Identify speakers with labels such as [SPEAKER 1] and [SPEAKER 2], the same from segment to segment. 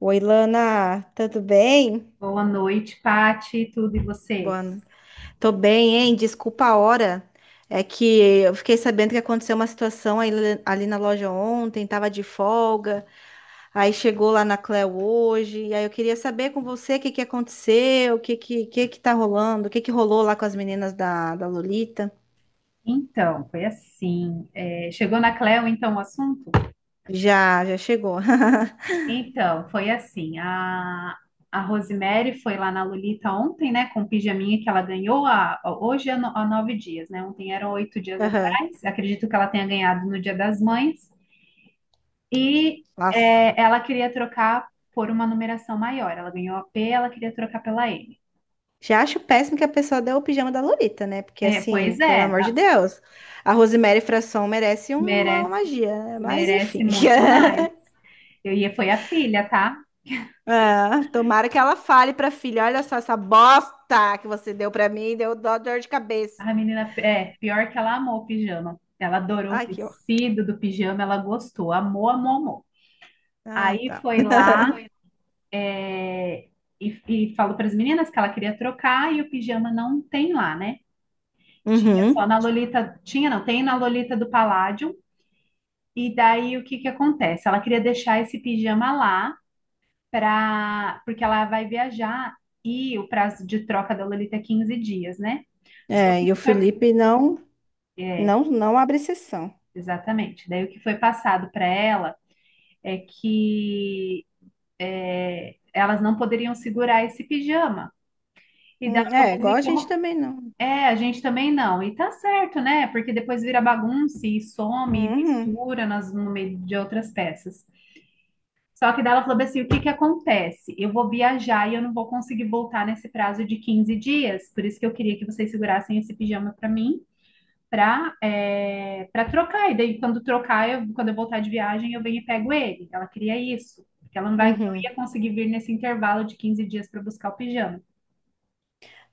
[SPEAKER 1] Oi, Lana, tudo bem?
[SPEAKER 2] Boa noite, Pati, tudo e você?
[SPEAKER 1] Boa. Tô bem, hein? Desculpa a hora. É que eu fiquei sabendo que aconteceu uma situação ali na loja ontem, tava de folga, aí chegou lá na Cleo hoje, e aí eu queria saber com você o que que aconteceu, que tá rolando, o que que rolou lá com as meninas da Lolita.
[SPEAKER 2] Então, foi assim. Chegou na Cleo, então, o assunto?
[SPEAKER 1] Já chegou.
[SPEAKER 2] Então, foi assim. A Rosemary foi lá na Lolita ontem, né, com o pijaminha que ela ganhou há, hoje há, no- há 9 dias, né? Ontem eram 8 dias
[SPEAKER 1] Aham.
[SPEAKER 2] atrás. Acredito que ela tenha ganhado no Dia das Mães. E
[SPEAKER 1] Nossa.
[SPEAKER 2] é, ela queria trocar por uma numeração maior. Ela ganhou a P, ela queria trocar pela M.
[SPEAKER 1] Já acho péssimo que a pessoa deu o pijama da Lolita, né? Porque,
[SPEAKER 2] É,
[SPEAKER 1] assim,
[SPEAKER 2] pois
[SPEAKER 1] pelo
[SPEAKER 2] é,
[SPEAKER 1] amor de Deus, a Rosemary Fração merece uma
[SPEAKER 2] merece.
[SPEAKER 1] magia, né? Mas,
[SPEAKER 2] Merece
[SPEAKER 1] enfim.
[SPEAKER 2] muito mais. Foi a filha, tá?
[SPEAKER 1] Ah, tomara que ela fale pra filha: olha só essa bosta que você deu pra mim, deu dó, dor de cabeça.
[SPEAKER 2] A menina, pior que ela amou o pijama. Ela adorou o
[SPEAKER 1] Ai, que ó.
[SPEAKER 2] tecido do pijama, ela gostou, amou, amou, amou.
[SPEAKER 1] Ai,
[SPEAKER 2] Aí
[SPEAKER 1] tá.
[SPEAKER 2] foi lá, é, e falou para as meninas que ela queria trocar e o pijama não tem lá, né? Tinha só
[SPEAKER 1] Uhum.
[SPEAKER 2] na Lolita, tinha não, tem na Lolita do Paládio. E daí o que que acontece? Ela queria deixar esse pijama lá, para porque ela vai viajar e o prazo de troca da Lolita é 15 dias, né? Só
[SPEAKER 1] É,
[SPEAKER 2] que o
[SPEAKER 1] e o
[SPEAKER 2] que foi,
[SPEAKER 1] Felipe não,
[SPEAKER 2] é,
[SPEAKER 1] não abre exceção.
[SPEAKER 2] exatamente. Daí o que foi passado para ela é que elas não poderiam segurar esse pijama. E dela
[SPEAKER 1] É,
[SPEAKER 2] falou, mas
[SPEAKER 1] igual
[SPEAKER 2] e
[SPEAKER 1] a gente
[SPEAKER 2] como?
[SPEAKER 1] também não.
[SPEAKER 2] É, a gente também não. E tá certo, né? Porque depois vira bagunça e some e
[SPEAKER 1] Uhum.
[SPEAKER 2] mistura nas, no meio de outras peças. Só que daí ela falou bem assim: o que que acontece? Eu vou viajar e eu não vou conseguir voltar nesse prazo de 15 dias, por isso que eu queria que vocês segurassem esse pijama para mim, para trocar. E daí, quando trocar, quando eu voltar de viagem, eu venho e pego ele. Ela queria isso, porque ela não vai, não
[SPEAKER 1] Uhum.
[SPEAKER 2] ia conseguir vir nesse intervalo de 15 dias para buscar o pijama.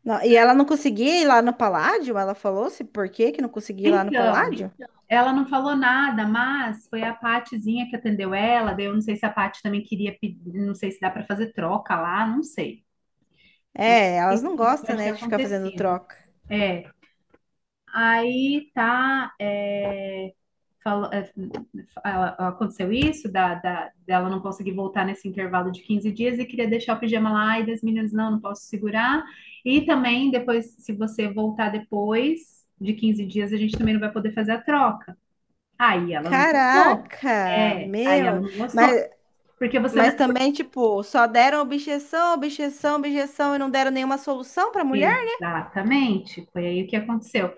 [SPEAKER 1] Não, e ela não conseguia ir lá no Paládio? Ela falou-se por que que não conseguia ir lá no
[SPEAKER 2] Então,
[SPEAKER 1] Paládio?
[SPEAKER 2] ela não falou nada, mas foi a Patizinha que atendeu ela. Daí eu não sei se a Pati também queria pedir, não sei se dá para fazer troca lá, não sei.
[SPEAKER 1] É,
[SPEAKER 2] O que
[SPEAKER 1] elas não
[SPEAKER 2] que
[SPEAKER 1] gostam,
[SPEAKER 2] pode ter
[SPEAKER 1] né, de ficar fazendo
[SPEAKER 2] acontecido?
[SPEAKER 1] troca.
[SPEAKER 2] É, aí tá, fala- é, aconteceu isso, dela não conseguir voltar nesse intervalo de 15 dias e queria deixar o pijama lá, e das meninas, não, não posso segurar. E também, depois, se você voltar depois de 15 dias, a gente também não vai poder fazer a troca. Aí ela não gostou.
[SPEAKER 1] Caraca,
[SPEAKER 2] É, aí ela
[SPEAKER 1] meu.
[SPEAKER 2] não gostou.
[SPEAKER 1] Mas,
[SPEAKER 2] Porque você. Não-
[SPEAKER 1] mas também, tipo, só deram objeção, objeção, objeção e não deram nenhuma solução pra mulher?
[SPEAKER 2] Exatamente, foi aí o que aconteceu.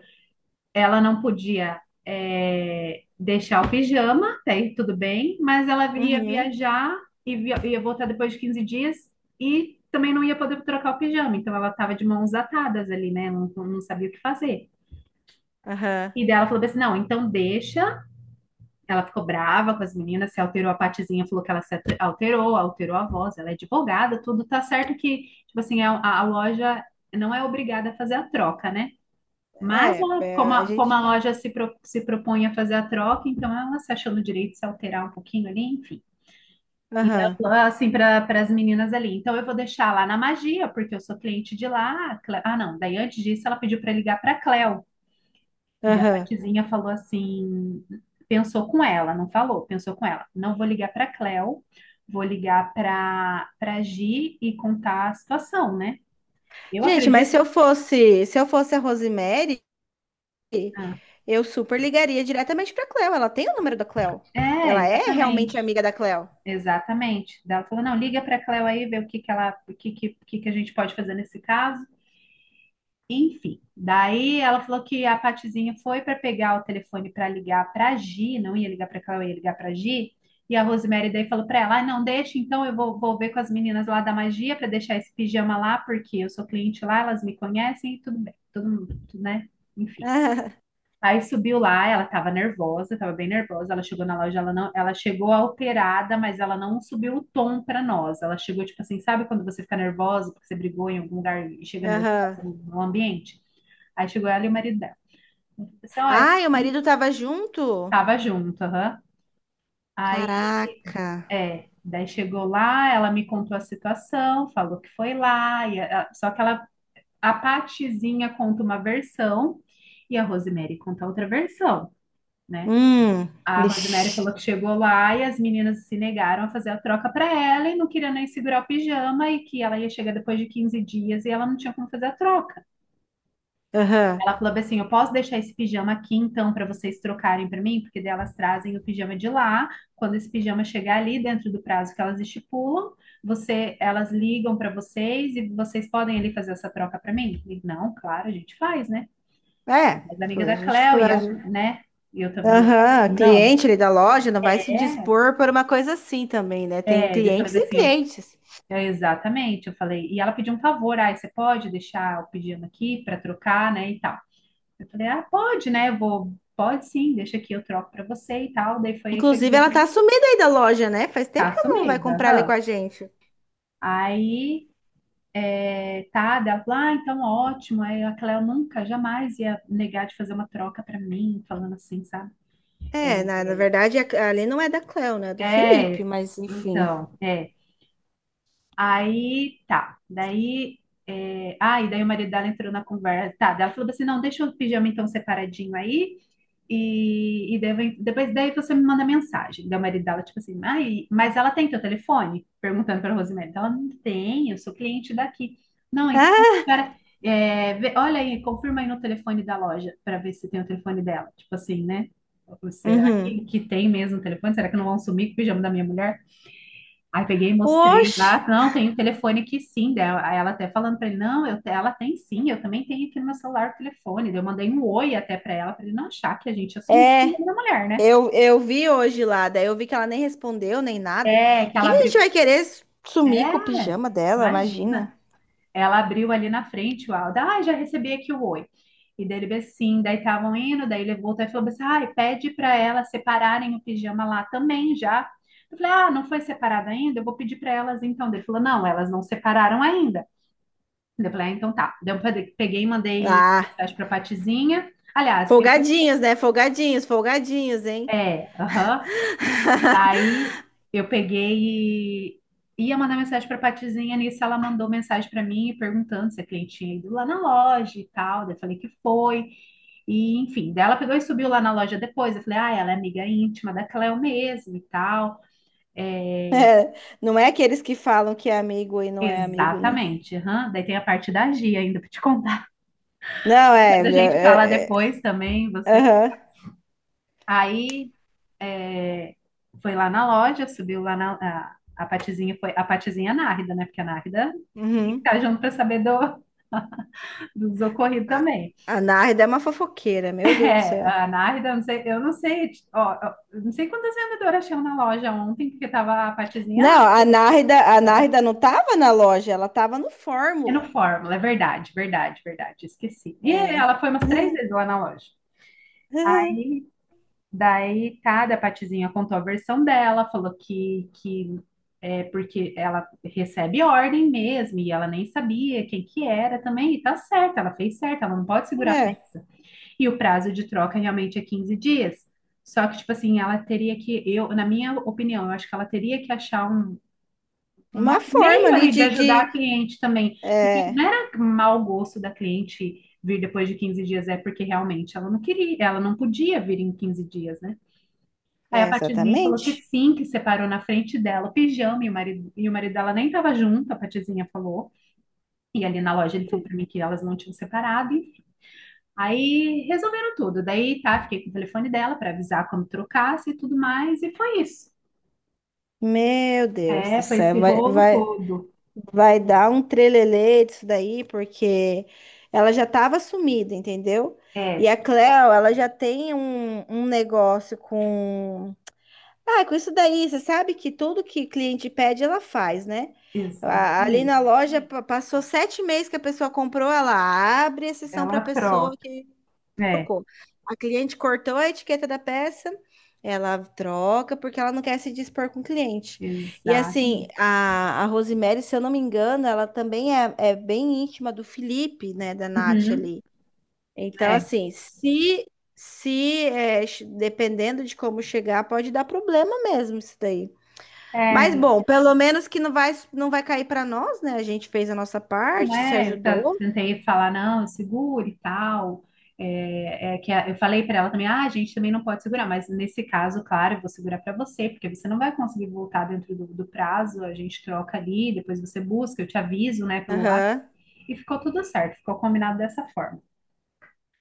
[SPEAKER 2] Ela não podia deixar o pijama, até aí tudo bem, mas ela ia
[SPEAKER 1] Uhum,
[SPEAKER 2] viajar e ia voltar depois de 15 dias e também não ia poder trocar o pijama, então ela estava de mãos atadas ali, né? Não, não sabia o que fazer.
[SPEAKER 1] aham.
[SPEAKER 2] E daí ela falou assim: não, então deixa. Ela ficou brava com as meninas, se alterou a partezinha, falou que ela se ate- alterou, alterou a voz, ela é advogada, tudo tá certo que, tipo assim, a loja não é obrigada a fazer a troca, né? Mas
[SPEAKER 1] É,
[SPEAKER 2] ela, como
[SPEAKER 1] é, a
[SPEAKER 2] a, como
[SPEAKER 1] gente.
[SPEAKER 2] a loja se propõe a fazer a troca, então ela se achou no direito de se alterar um pouquinho ali, enfim. E daí ela
[SPEAKER 1] Aham,
[SPEAKER 2] falou assim para as meninas ali, então eu vou deixar lá na Magia, porque eu sou cliente de lá. Ah, não, daí antes disso ela pediu para ligar para a Cleo. E daí a
[SPEAKER 1] aham.
[SPEAKER 2] Patizinha falou assim, pensou com ela, não falou, pensou com ela. Não vou ligar para a Cleo, vou ligar para Gi e contar a situação, né? Eu
[SPEAKER 1] Gente, mas
[SPEAKER 2] acredito.
[SPEAKER 1] se eu fosse a Rosemary,
[SPEAKER 2] Ah,
[SPEAKER 1] eu super ligaria diretamente pra Cleo. Ela tem o número da Cleo.
[SPEAKER 2] é,
[SPEAKER 1] Ela é realmente
[SPEAKER 2] exatamente.
[SPEAKER 1] amiga da Cleo.
[SPEAKER 2] Exatamente. Daí ela falou: não, liga para a Cleo aí, vê o que que ela, o que que a gente pode fazer nesse caso. Enfim, daí ela falou que a Patizinha foi para pegar o telefone para ligar para a Gi, não ia ligar para a Cleo, ia ligar para a Gi. E a Rosemary daí falou para ela: ah, não, deixa, então eu vou ver com as meninas lá da magia para deixar esse pijama lá, porque eu sou cliente lá, elas me conhecem e tudo bem, tudo, tudo, né? Enfim.
[SPEAKER 1] Aham.
[SPEAKER 2] Aí subiu lá, ela tava nervosa, tava bem nervosa. Ela chegou na loja, ela não, ela chegou alterada, mas ela não subiu o tom pra nós. Ela chegou tipo assim, sabe quando você fica nervosa porque você brigou em algum lugar e chega nervosa
[SPEAKER 1] Aham.
[SPEAKER 2] no ambiente? Aí chegou ela e o marido dela. Ela falou assim, ó, eu
[SPEAKER 1] Ai, o
[SPEAKER 2] sei
[SPEAKER 1] marido
[SPEAKER 2] que
[SPEAKER 1] tava junto?
[SPEAKER 2] tava junto, aham. Aí,
[SPEAKER 1] Caraca.
[SPEAKER 2] daí chegou lá, ela me contou a situação, falou que foi lá, só que ela, a Patizinha conta uma versão e a Rosemary conta outra versão, né?
[SPEAKER 1] Hum,
[SPEAKER 2] A Rosemary
[SPEAKER 1] ixi,
[SPEAKER 2] falou que chegou lá e as meninas se negaram a fazer a troca para ela e não queria nem segurar o pijama e que ela ia chegar depois de 15 dias e ela não tinha como fazer a troca.
[SPEAKER 1] aham.
[SPEAKER 2] Ela falou assim: eu posso deixar esse pijama aqui então para vocês trocarem para mim? Porque daí elas trazem o pijama de lá. Quando esse pijama chegar ali dentro do prazo que elas estipulam, elas ligam para vocês e vocês podem ali fazer essa troca para mim? E, não, claro, a gente faz, né?
[SPEAKER 1] É,
[SPEAKER 2] Mas a
[SPEAKER 1] pô,
[SPEAKER 2] amiga
[SPEAKER 1] a
[SPEAKER 2] da
[SPEAKER 1] gente
[SPEAKER 2] Cléo e
[SPEAKER 1] faz.
[SPEAKER 2] eu, né? E eu também,
[SPEAKER 1] Aham,
[SPEAKER 2] não,
[SPEAKER 1] cliente ali da loja não vai se
[SPEAKER 2] é,
[SPEAKER 1] dispor por uma coisa assim também, né? Tem
[SPEAKER 2] é. Daí eu
[SPEAKER 1] clientes
[SPEAKER 2] falei
[SPEAKER 1] e
[SPEAKER 2] assim,
[SPEAKER 1] clientes.
[SPEAKER 2] é, exatamente, eu falei. E ela pediu um favor, ah, você pode deixar o pedido aqui para trocar, né, e tal. Eu falei, ah, pode, né, eu vou, pode sim, deixa aqui, eu troco para você e tal. Daí foi aí que eu
[SPEAKER 1] Inclusive,
[SPEAKER 2] liguei
[SPEAKER 1] ela
[SPEAKER 2] para
[SPEAKER 1] tá
[SPEAKER 2] você.
[SPEAKER 1] sumida aí da loja, né? Faz tempo
[SPEAKER 2] Tá
[SPEAKER 1] que ela não vai
[SPEAKER 2] sumida,
[SPEAKER 1] comprar ali com
[SPEAKER 2] aham.
[SPEAKER 1] a gente.
[SPEAKER 2] Aí, tá, daí ela falou, ah, então ótimo. Aí a Cléo nunca, jamais ia negar de fazer uma troca para mim, falando assim, sabe?
[SPEAKER 1] É, na
[SPEAKER 2] É,
[SPEAKER 1] verdade, ali não é da Cleo, né? É do Felipe,
[SPEAKER 2] é,
[SPEAKER 1] mas enfim.
[SPEAKER 2] então, é. Aí tá, daí. Ah, e daí o marido dela entrou na conversa. Tá, daí ela falou assim: não, deixa o pijama então separadinho aí. E daí depois daí você me manda mensagem. Daí o marido dela, tipo assim, ah, mas ela tem teu telefone? Perguntando pra Rosemary. Ela não tem, eu sou cliente daqui. Não, então,
[SPEAKER 1] Ah,
[SPEAKER 2] espera. Olha aí, confirma aí no telefone da loja pra ver se tem o telefone dela. Tipo assim, né? Será
[SPEAKER 1] uhum.
[SPEAKER 2] que tem mesmo o telefone? Será que não vão sumir com o pijama da minha mulher? Aí peguei e mostrei
[SPEAKER 1] Oxe,
[SPEAKER 2] lá, não, tem o telefone aqui sim, daí ela até falando para ele, não, ela tem sim, eu também tenho aqui no meu celular o telefone. Daí eu mandei um oi até para ela, para ele não achar que a gente assumiu o
[SPEAKER 1] é.
[SPEAKER 2] nome da mulher, né?
[SPEAKER 1] Eu vi hoje lá, daí eu vi que ela nem respondeu nem nada.
[SPEAKER 2] É, que
[SPEAKER 1] E o que
[SPEAKER 2] ela
[SPEAKER 1] que a gente
[SPEAKER 2] abriu,
[SPEAKER 1] vai querer sumir com o
[SPEAKER 2] é,
[SPEAKER 1] pijama dela? Imagina.
[SPEAKER 2] imagina, ela abriu ali na frente o áudio, ah, já recebi aqui o oi. E daí ele bem assim, daí estavam indo, daí ele voltou e falou assim, ai, pede para elas separarem o pijama lá também já. Eu falei, ah, não foi separado ainda? Eu vou pedir para elas então. Daí ele falou, não, elas não separaram ainda. Eu falei, ah, então tá. Daí peguei e mandei
[SPEAKER 1] Ah,
[SPEAKER 2] mensagem pra Patizinha. Aliás, eu peguei.
[SPEAKER 1] folgadinhos, né? Folgadinhos, folgadinhos, hein?
[SPEAKER 2] É, aham. Daí eu peguei e ia mandar mensagem pra Patizinha. Nisso ela mandou mensagem pra mim perguntando se a cliente tinha ido lá na loja e tal. Daí eu falei que foi. E enfim, daí ela pegou e subiu lá na loja depois. Eu falei, ah, ela é amiga íntima da Cleo mesmo e tal. É,
[SPEAKER 1] É, não é aqueles que falam que é amigo e não é amigo, né?
[SPEAKER 2] exatamente. Aham. Daí tem a parte da Gia ainda pra te contar.
[SPEAKER 1] Não, é.
[SPEAKER 2] Mas a gente fala
[SPEAKER 1] É, é,
[SPEAKER 2] depois também.
[SPEAKER 1] é,
[SPEAKER 2] Você.
[SPEAKER 1] aham.
[SPEAKER 2] Aí É, foi lá na loja, subiu lá na. A Patizinha foi. A Patizinha Nárida, né? Porque a Nárida tem que
[SPEAKER 1] Uhum.
[SPEAKER 2] estar junto para saber do, dos ocorridos
[SPEAKER 1] A,
[SPEAKER 2] também.
[SPEAKER 1] a Nárida é uma fofoqueira, meu Deus do
[SPEAKER 2] É,
[SPEAKER 1] céu.
[SPEAKER 2] a Nárida, eu não sei, ó, eu não sei quantas vendedoras tinham na loja ontem, porque tava a Patizinha.
[SPEAKER 1] Não, a
[SPEAKER 2] Ah,
[SPEAKER 1] Nárida não tava na loja, ela tava no
[SPEAKER 2] é no
[SPEAKER 1] Fórmula.
[SPEAKER 2] Fórmula, é verdade, verdade, verdade, esqueci. E
[SPEAKER 1] É.
[SPEAKER 2] ela foi umas 3 vezes lá na loja. Daí, cada Patizinha contou a versão dela, falou que é porque ela recebe ordem mesmo, e ela nem sabia quem que era também, e tá certo, ela fez certo, ela não pode segurar a
[SPEAKER 1] É,
[SPEAKER 2] peça. E o prazo de troca realmente é 15 dias. Só que, tipo assim, eu, na minha opinião, eu acho que ela teria que achar
[SPEAKER 1] uma
[SPEAKER 2] um
[SPEAKER 1] forma
[SPEAKER 2] meio
[SPEAKER 1] ali
[SPEAKER 2] ali de ajudar a
[SPEAKER 1] de...
[SPEAKER 2] cliente também, porque
[SPEAKER 1] É,
[SPEAKER 2] não era mau gosto da cliente vir depois de 15 dias, é porque realmente ela não queria, ela não podia vir em 15 dias, né? Aí a
[SPEAKER 1] é,
[SPEAKER 2] Patizinha falou que
[SPEAKER 1] exatamente.
[SPEAKER 2] sim, que separou na frente dela o pijama e o marido dela nem estava junto, a Patizinha falou. E ali na loja ele falou para mim que elas não tinham separado. Enfim. Aí resolveram tudo. Daí tá, fiquei com o telefone dela para avisar quando trocasse e tudo mais. E foi isso.
[SPEAKER 1] Meu Deus do
[SPEAKER 2] É, foi
[SPEAKER 1] céu,
[SPEAKER 2] esse rolo
[SPEAKER 1] vai,
[SPEAKER 2] todo.
[SPEAKER 1] vai dar um trelelê disso daí, porque ela já estava sumida, entendeu? E
[SPEAKER 2] É,
[SPEAKER 1] a Cleo, ela já tem um negócio com. Ah, com isso daí, você sabe que tudo que cliente pede, ela faz, né? Ali
[SPEAKER 2] exatamente.
[SPEAKER 1] na loja, passou 7 meses que a pessoa comprou, ela abre a sessão para a
[SPEAKER 2] Ela
[SPEAKER 1] pessoa
[SPEAKER 2] troca. É,
[SPEAKER 1] trocou. A cliente cortou a etiqueta da peça, ela troca porque ela não quer se dispor com o cliente. E assim,
[SPEAKER 2] exatamente.
[SPEAKER 1] a Rosemary, se eu não me engano, ela também é bem íntima do Felipe, né, da Nath
[SPEAKER 2] Uhum,
[SPEAKER 1] ali. Então,
[SPEAKER 2] é.
[SPEAKER 1] assim, se é, dependendo de como chegar, pode dar problema mesmo isso daí. Mas
[SPEAKER 2] É,
[SPEAKER 1] bom, pelo menos que não vai cair para nós, né? A gente fez a nossa
[SPEAKER 2] não
[SPEAKER 1] parte, se
[SPEAKER 2] é,
[SPEAKER 1] ajudou.
[SPEAKER 2] tentei falar, não, segure e tal. É, é que eu falei para ela também, ah, a gente também não pode segurar, mas nesse caso, claro, eu vou segurar para você, porque você não vai conseguir voltar dentro do prazo, a gente troca ali, depois você busca, eu te aviso, né, pelo WhatsApp,
[SPEAKER 1] Aham.
[SPEAKER 2] e ficou tudo certo, ficou combinado dessa forma.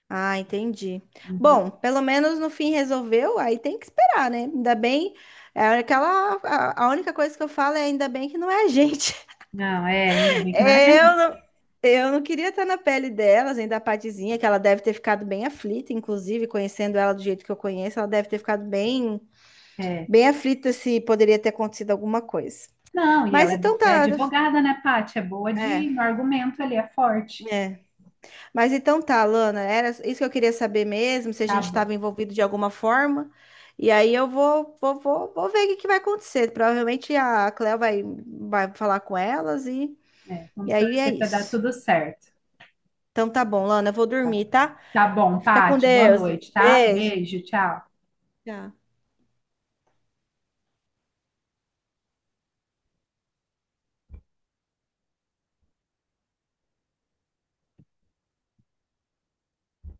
[SPEAKER 1] Ah, entendi.
[SPEAKER 2] Uhum.
[SPEAKER 1] Bom, pelo menos no fim resolveu, aí tem que esperar, né? Ainda bem, é aquela, a única coisa que eu falo é ainda bem que não é a gente.
[SPEAKER 2] Não, ainda bem que não é
[SPEAKER 1] Eu
[SPEAKER 2] gente.
[SPEAKER 1] não, eu não queria estar na pele delas, ainda a Patizinha, que ela deve ter ficado bem aflita, inclusive, conhecendo ela do jeito que eu conheço, ela deve ter ficado bem,
[SPEAKER 2] É.
[SPEAKER 1] bem aflita se poderia ter acontecido alguma coisa.
[SPEAKER 2] Não, e
[SPEAKER 1] Mas
[SPEAKER 2] ela é,
[SPEAKER 1] então
[SPEAKER 2] bo- é
[SPEAKER 1] tá,
[SPEAKER 2] advogada, né, Paty? É boa
[SPEAKER 1] é,
[SPEAKER 2] de, no argumento ali, é forte.
[SPEAKER 1] é. Mas então tá, Lana, era isso que eu queria saber mesmo, se a
[SPEAKER 2] Tá
[SPEAKER 1] gente
[SPEAKER 2] bom,
[SPEAKER 1] estava envolvido de alguma forma. E aí eu vou ver o que que vai acontecer. Provavelmente a Cleo vai falar com elas e
[SPEAKER 2] vamos
[SPEAKER 1] aí é
[SPEAKER 2] torcer para dar
[SPEAKER 1] isso.
[SPEAKER 2] tudo certo.
[SPEAKER 1] Então tá bom, Lana, eu vou dormir, tá?
[SPEAKER 2] Tá bom,
[SPEAKER 1] Fica com
[SPEAKER 2] Pati, boa
[SPEAKER 1] Deus.
[SPEAKER 2] noite, tá?
[SPEAKER 1] Beijo.
[SPEAKER 2] Beijo, tchau.
[SPEAKER 1] Tchau.